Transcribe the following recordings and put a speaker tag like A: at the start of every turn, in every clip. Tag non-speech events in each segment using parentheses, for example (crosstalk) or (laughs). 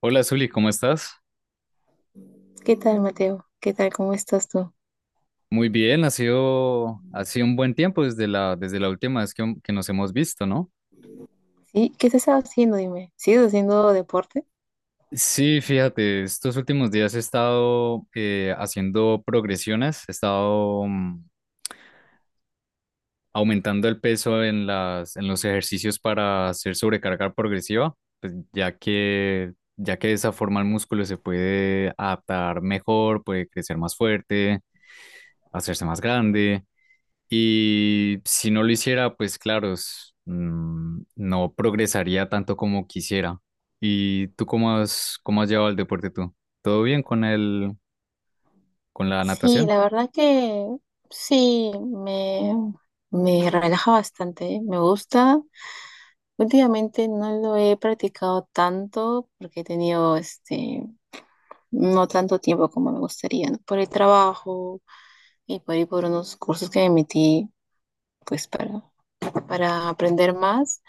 A: Hola Zuli, ¿cómo estás?
B: ¿Qué tal, Mateo? ¿Qué tal? ¿Cómo estás tú?
A: Muy bien, ha sido un buen tiempo desde la última vez que nos hemos visto, ¿no?
B: ¿Sí? ¿Qué estás haciendo? Dime. ¿Sigues haciendo deporte?
A: Sí, fíjate, estos últimos días he estado haciendo progresiones, he estado aumentando el peso en en los ejercicios para hacer sobrecarga progresiva, pues, ya que de esa forma el músculo se puede adaptar mejor, puede crecer más fuerte, hacerse más grande. Y si no lo hiciera, pues claro, no progresaría tanto como quisiera. ¿Y tú cómo has llevado el deporte tú? ¿Todo bien con la
B: Sí,
A: natación?
B: la verdad que sí, me relaja bastante, ¿eh? Me gusta. Últimamente no lo he practicado tanto porque he tenido este, no tanto tiempo como me gustaría, ¿no? Por el trabajo y por ir por unos cursos que me metí, pues para aprender más.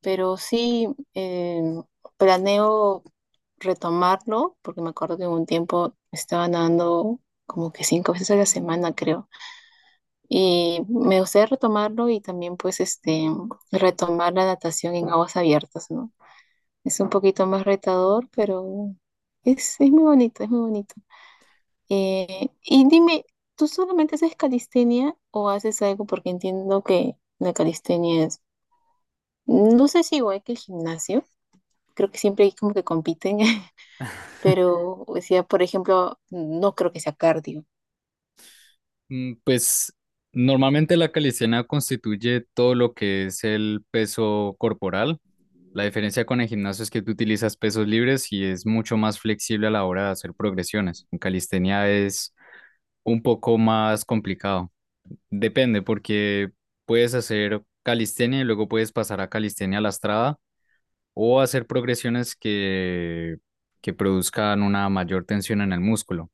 B: Pero sí, eh, planeo retomarlo, porque me acuerdo que un tiempo estaba dando como que cinco veces a la semana, creo. Y me gustaría retomarlo y también pues este, retomar la natación en aguas abiertas, ¿no? Es un poquito más retador, pero es muy bonito, es muy bonito. Y dime, ¿tú solamente haces calistenia o haces algo? Porque entiendo que la calistenia es, no sé si igual que el gimnasio, creo que siempre hay como que compiten (laughs) pero decía, por ejemplo, no creo que sea cardio.
A: Pues normalmente la calistenia constituye todo lo que es el peso corporal. La diferencia con el gimnasio es que tú utilizas pesos libres y es mucho más flexible a la hora de hacer progresiones. En calistenia es un poco más complicado. Depende, porque puedes hacer calistenia y luego puedes pasar a calistenia lastrada o hacer progresiones que produzcan una mayor tensión en el músculo.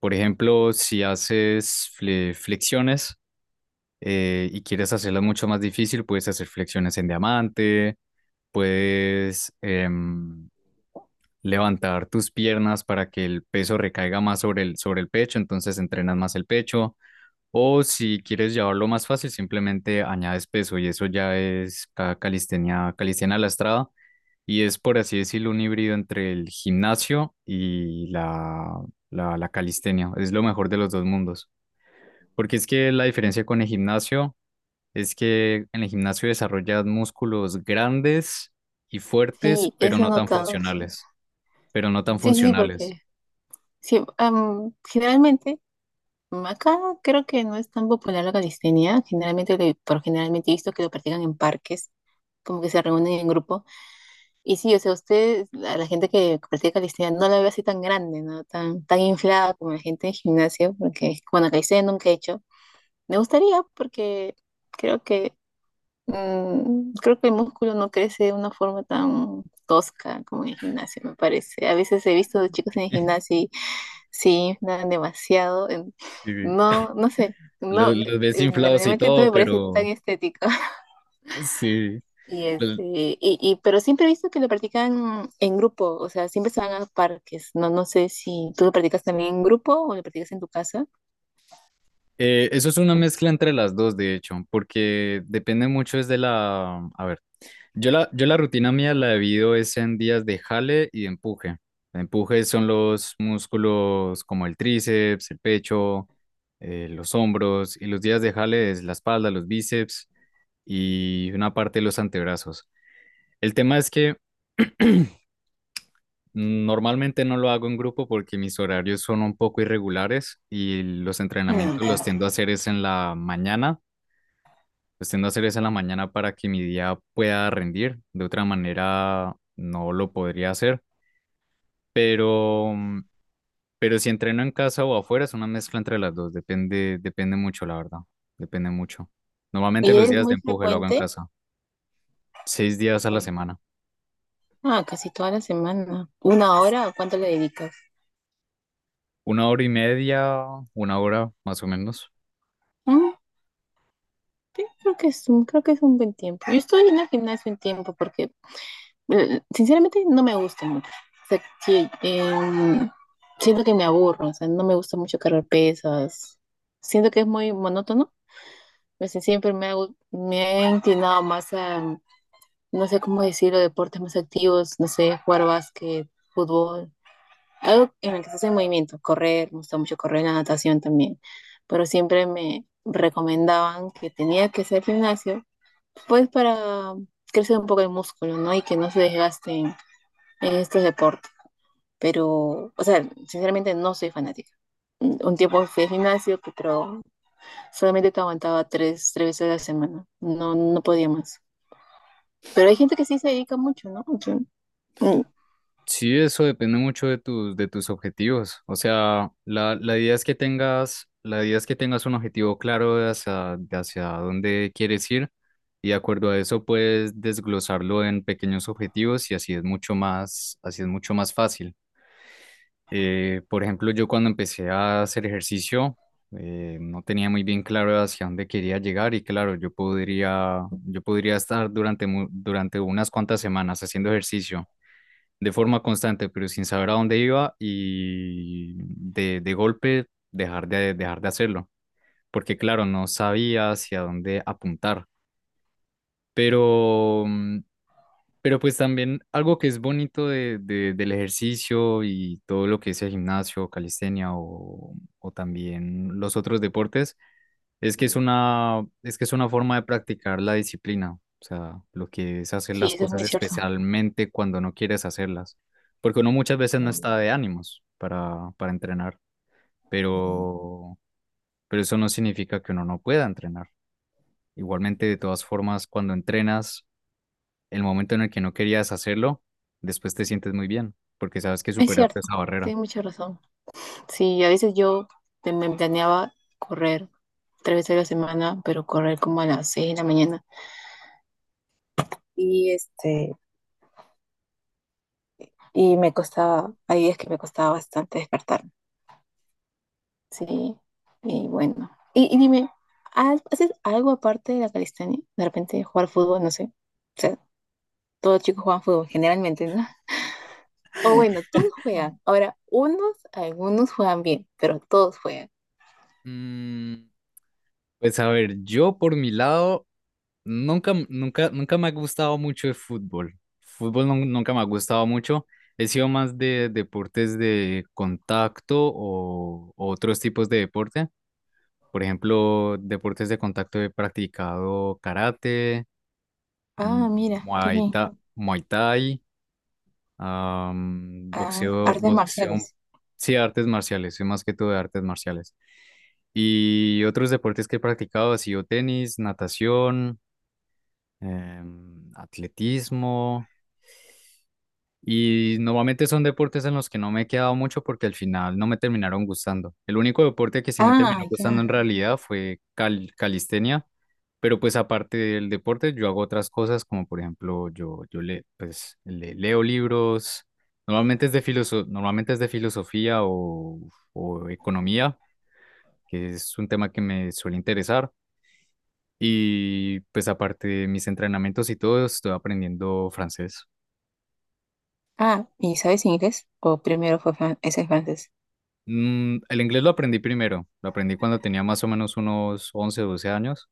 A: Por ejemplo, si haces flexiones y quieres hacerlas mucho más difícil, puedes hacer flexiones en diamante, puedes em, levantar tus piernas para que el peso recaiga más sobre el pecho, entonces entrenas más el pecho, o si quieres llevarlo más fácil, simplemente añades peso y eso ya es calistenia lastrada, y es, por así decirlo, un híbrido entre el gimnasio y la calistenia. Es lo mejor de los dos mundos. Porque es que la diferencia con el gimnasio es que en el gimnasio desarrollas músculos grandes y fuertes,
B: Sí,
A: pero
B: eso he
A: no tan
B: notado. Sí,
A: funcionales. Pero no
B: sí,
A: tan
B: sí, sí,
A: funcionales.
B: porque sí, generalmente, acá creo que no es tan popular la calistenia. Generalmente, por generalmente he visto que lo practican en parques, como que se reúnen en grupo. Y sí, o sea, usted, a la gente que practica calistenia, no la veo así tan grande, ¿no? Tan inflada como la gente en gimnasio, porque, bueno, calistenia nunca he hecho. Me gustaría porque creo que creo que el músculo no crece de una forma tan tosca como en el gimnasio, me parece. A veces he visto de chicos en el gimnasio y se inflan demasiado.
A: Sí,
B: No, no sé, no,
A: los ves inflados y
B: realmente no
A: todo,
B: me parece tan
A: pero
B: estético. (laughs)
A: sí.
B: Y
A: Los,
B: este, pero siempre he visto que lo practican en grupo, o sea, siempre se van a parques. No, no sé si tú lo practicas también en grupo o lo practicas en tu casa.
A: eso es una mezcla entre las dos, de hecho, porque depende mucho es de la... A ver, yo la rutina mía la divido es en días de jale y de empuje. Empuje son los músculos como el tríceps, el pecho, los hombros, y los días de jale es la espalda, los bíceps y una parte de los antebrazos. El tema es que normalmente no lo hago en grupo porque mis horarios son un poco irregulares y los entrenamientos
B: Nunca.
A: los tiendo a hacer es en la mañana. Pues tiendo a hacer eso en la mañana para que mi día pueda rendir. De otra manera, no lo podría hacer. Pero, pero si entreno en casa o afuera, es una mezcla entre las dos. Depende, depende mucho, la verdad. Depende mucho. Normalmente
B: Y
A: los
B: es
A: días de
B: muy
A: empuje lo hago en
B: frecuente.
A: casa. 6 días a
B: Sí.
A: la semana.
B: Ah, casi toda la semana. ¿Una
A: Pues,
B: hora o cuánto le dedicas?
A: una hora y media, una hora más o menos.
B: Sí, creo que es un buen tiempo. Yo estoy en el gimnasio un tiempo porque sinceramente no me gusta mucho. O sea, sí, siento que me aburro, o sea, no me gusta mucho cargar pesas. Siento que es muy monótono. O sea, siempre me he inclinado más a, no sé cómo decirlo, deportes más activos, no sé, jugar básquet, fútbol, algo en el que se hace movimiento, correr, me gusta mucho correr, la natación también. Pero siempre me recomendaban que tenía que hacer gimnasio pues para crecer un poco el músculo, ¿no? Y que no se desgasten en estos deportes. Pero, o sea, sinceramente no soy fanática. Un tiempo fui al gimnasio, pero solamente te aguantaba tres veces a la semana. No, no podía más. Pero hay gente que sí se dedica mucho, ¿no? Mm,
A: Sí, eso depende mucho de tus objetivos. O sea, la idea es que tengas, la idea es que tengas un objetivo claro de hacia dónde quieres ir, y de acuerdo a eso puedes desglosarlo en pequeños objetivos y así es mucho más, así es mucho más fácil. Por ejemplo, yo cuando empecé a hacer ejercicio, no tenía muy bien claro hacia dónde quería llegar, y claro, yo podría estar durante unas cuantas semanas haciendo ejercicio de forma constante, pero sin saber a dónde iba, y de golpe dejar de hacerlo, porque claro, no sabía hacia dónde apuntar, pero, pero pues también algo que es bonito del ejercicio y todo lo que es el gimnasio, calistenia o también los otros deportes, es que es que es una forma de practicar la disciplina, o sea, lo que es hacer
B: Sí,
A: las
B: eso es
A: cosas
B: muy cierto.
A: especialmente cuando no quieres hacerlas, porque uno muchas veces no está de ánimos para entrenar, pero, pero eso no significa que uno no pueda entrenar. Igualmente, de todas formas, cuando entrenas, el momento en el que no querías hacerlo, después te sientes muy bien, porque sabes que
B: Es
A: superaste
B: cierto,
A: esa barrera.
B: tienes mucha razón. Sí, a veces yo me planeaba correr tres veces a la semana, pero correr como a las 6 de la mañana. Y este, Y me costaba, ahí es que me costaba bastante despertarme. Sí, y bueno. Y dime, ¿haces algo aparte de la calistenia? De repente jugar fútbol, no sé. O sea, todos los chicos juegan fútbol, generalmente, ¿no? (laughs) O bueno, todos juegan. Ahora, algunos juegan bien, pero todos juegan.
A: Mm, Pues a ver, yo por mi lado nunca, m- nunca, nunca me ha gustado mucho el fútbol. Fútbol nunca me ha gustado mucho. He sido más de deportes de contacto o otros tipos de deporte. Por ejemplo, deportes de contacto he practicado karate, mm,
B: Ah, mira, qué bien.
A: muay thai,
B: Ah, artes
A: boxeo,
B: marciales.
A: sí, artes marciales, soy más que todo de artes marciales. Y otros deportes que he practicado ha sido tenis, natación, atletismo. Y normalmente son deportes en los que no me he quedado mucho porque al final no me terminaron gustando. El único deporte que sí me
B: Ah,
A: terminó gustando
B: ya.
A: en realidad fue calistenia, pero pues aparte del deporte yo hago otras cosas como por ejemplo pues, leo libros, normalmente es de filosofía o economía, que es un tema que me suele interesar. Y pues aparte de mis entrenamientos y todo, estoy aprendiendo francés.
B: Ah, ¿y sabes inglés? ¿O primero fue ese es francés?
A: El inglés lo aprendí primero, lo aprendí cuando tenía más o menos unos 11 12 años,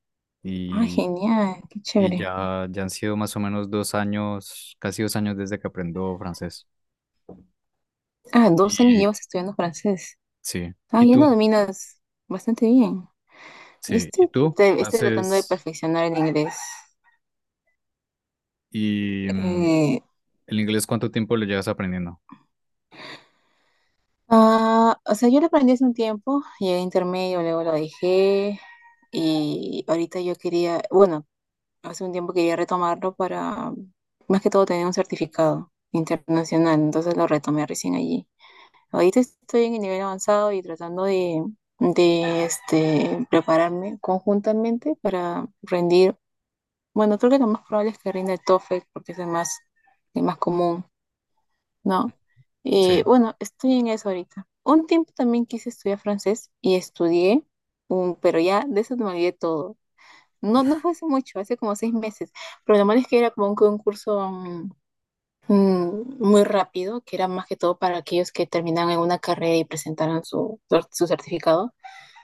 B: Ah,
A: y,
B: genial, qué
A: y
B: chévere.
A: ya han sido más o menos 2 años, casi 2 años desde que aprendo francés.
B: Ah, 2 años
A: Y
B: llevas estudiando francés.
A: sí,
B: Ah,
A: ¿y
B: ya
A: tú?
B: lo dominas bastante bien. Yo
A: Sí, ¿y
B: estoy,
A: tú?
B: te- estoy tratando de perfeccionar el inglés.
A: Y mm,
B: Eh,
A: el inglés, ¿cuánto tiempo lo llevas aprendiendo?
B: ah, o sea, yo lo aprendí hace un tiempo, llegué a intermedio, luego lo dejé y ahorita yo quería, bueno, hace un tiempo quería retomarlo para, más que todo, tener un certificado internacional, entonces lo retomé recién allí. Ahorita estoy en el nivel avanzado y tratando de este, prepararme conjuntamente para rendir. Bueno, creo que lo más probable es que rinda el TOEFL porque es el más común, ¿no?
A: Sí,
B: Bueno, estoy en eso ahorita. Un tiempo también quise estudiar francés y estudié, pero ya de eso me olvidé todo. No, no fue hace mucho, hace como 6 meses, pero lo malo es que era como un curso muy rápido, que era más que todo para aquellos que terminaban alguna carrera y presentaran su certificado.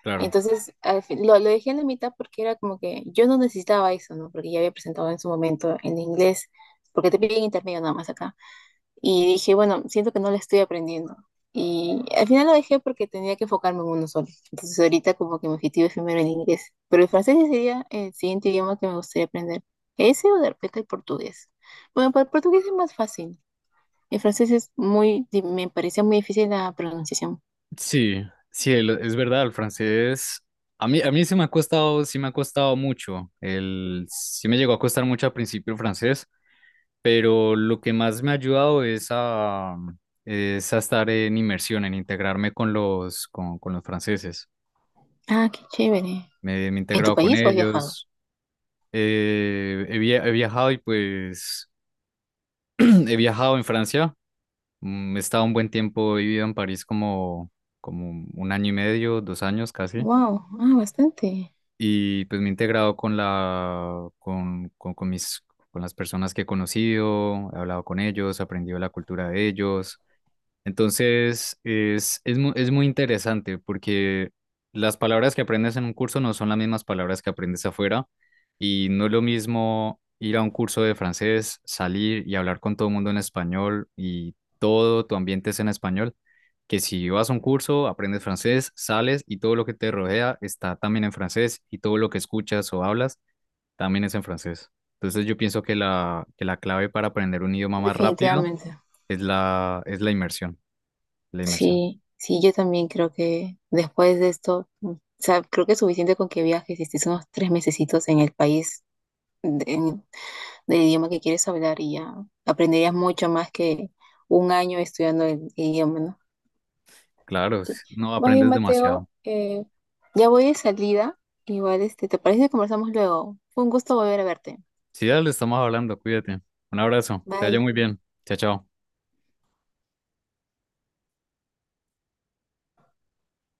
A: claro.
B: Entonces, lo dejé en la mitad porque era como que yo no necesitaba eso, ¿no? Porque ya había presentado en su momento en inglés, porque te piden intermedio nada más acá. Y dije, bueno, siento que no lo estoy aprendiendo. Y al final lo dejé porque tenía que enfocarme en uno solo. Entonces, ahorita como que mi objetivo es primero el inglés. Pero el francés sería el siguiente idioma que me gustaría aprender. Ese o de repente el portugués. Bueno, para el portugués es más fácil. El francés me parecía muy difícil la pronunciación.
A: Sí, sí, es verdad, el francés. A mí sí me ha costado, sí me ha costado mucho. Sí me llegó a costar mucho al principio el francés, pero lo que más me ha ayudado es a estar en inmersión, en integrarme con con los franceses.
B: Ah, qué chévere.
A: Me he
B: ¿En tu
A: integrado con
B: país o has viajado?
A: ellos, he viajado y pues (clears throat) he viajado en Francia, he estado un buen tiempo, he vivido en París como un año y medio, 2 años casi,
B: Wow, ah, bastante.
A: y pues me he integrado con mis... con las personas que he conocido, he hablado con ellos, he aprendido la cultura de ellos. Entonces, es muy interesante porque las palabras que aprendes en un curso no son las mismas palabras que aprendes afuera, y no es lo mismo ir a un curso de francés, salir y hablar con todo el mundo en español y todo tu ambiente es en español, que si vas a un curso, aprendes francés, sales y todo lo que te rodea está también en francés y todo lo que escuchas o hablas también es en francés. Entonces, yo pienso que la clave para aprender un idioma más rápido
B: Definitivamente.
A: es la inmersión, la inmersión.
B: Sí, sí, yo también creo que después de esto, o sea, creo que es suficiente con que viajes y estés unos tres mesecitos en el país de- en- del idioma que quieres hablar y ya aprenderías mucho más que un año estudiando el idioma, ¿no?
A: Claro,
B: Sí.
A: no
B: Más bien,
A: aprendes
B: Mateo,
A: demasiado.
B: ya voy de salida. Igual, este, ¿te parece que conversamos luego? Fue un gusto volver a verte.
A: Si ya le estamos hablando, cuídate. Un abrazo, que te vaya
B: Bye.
A: muy bien. Chao, chao.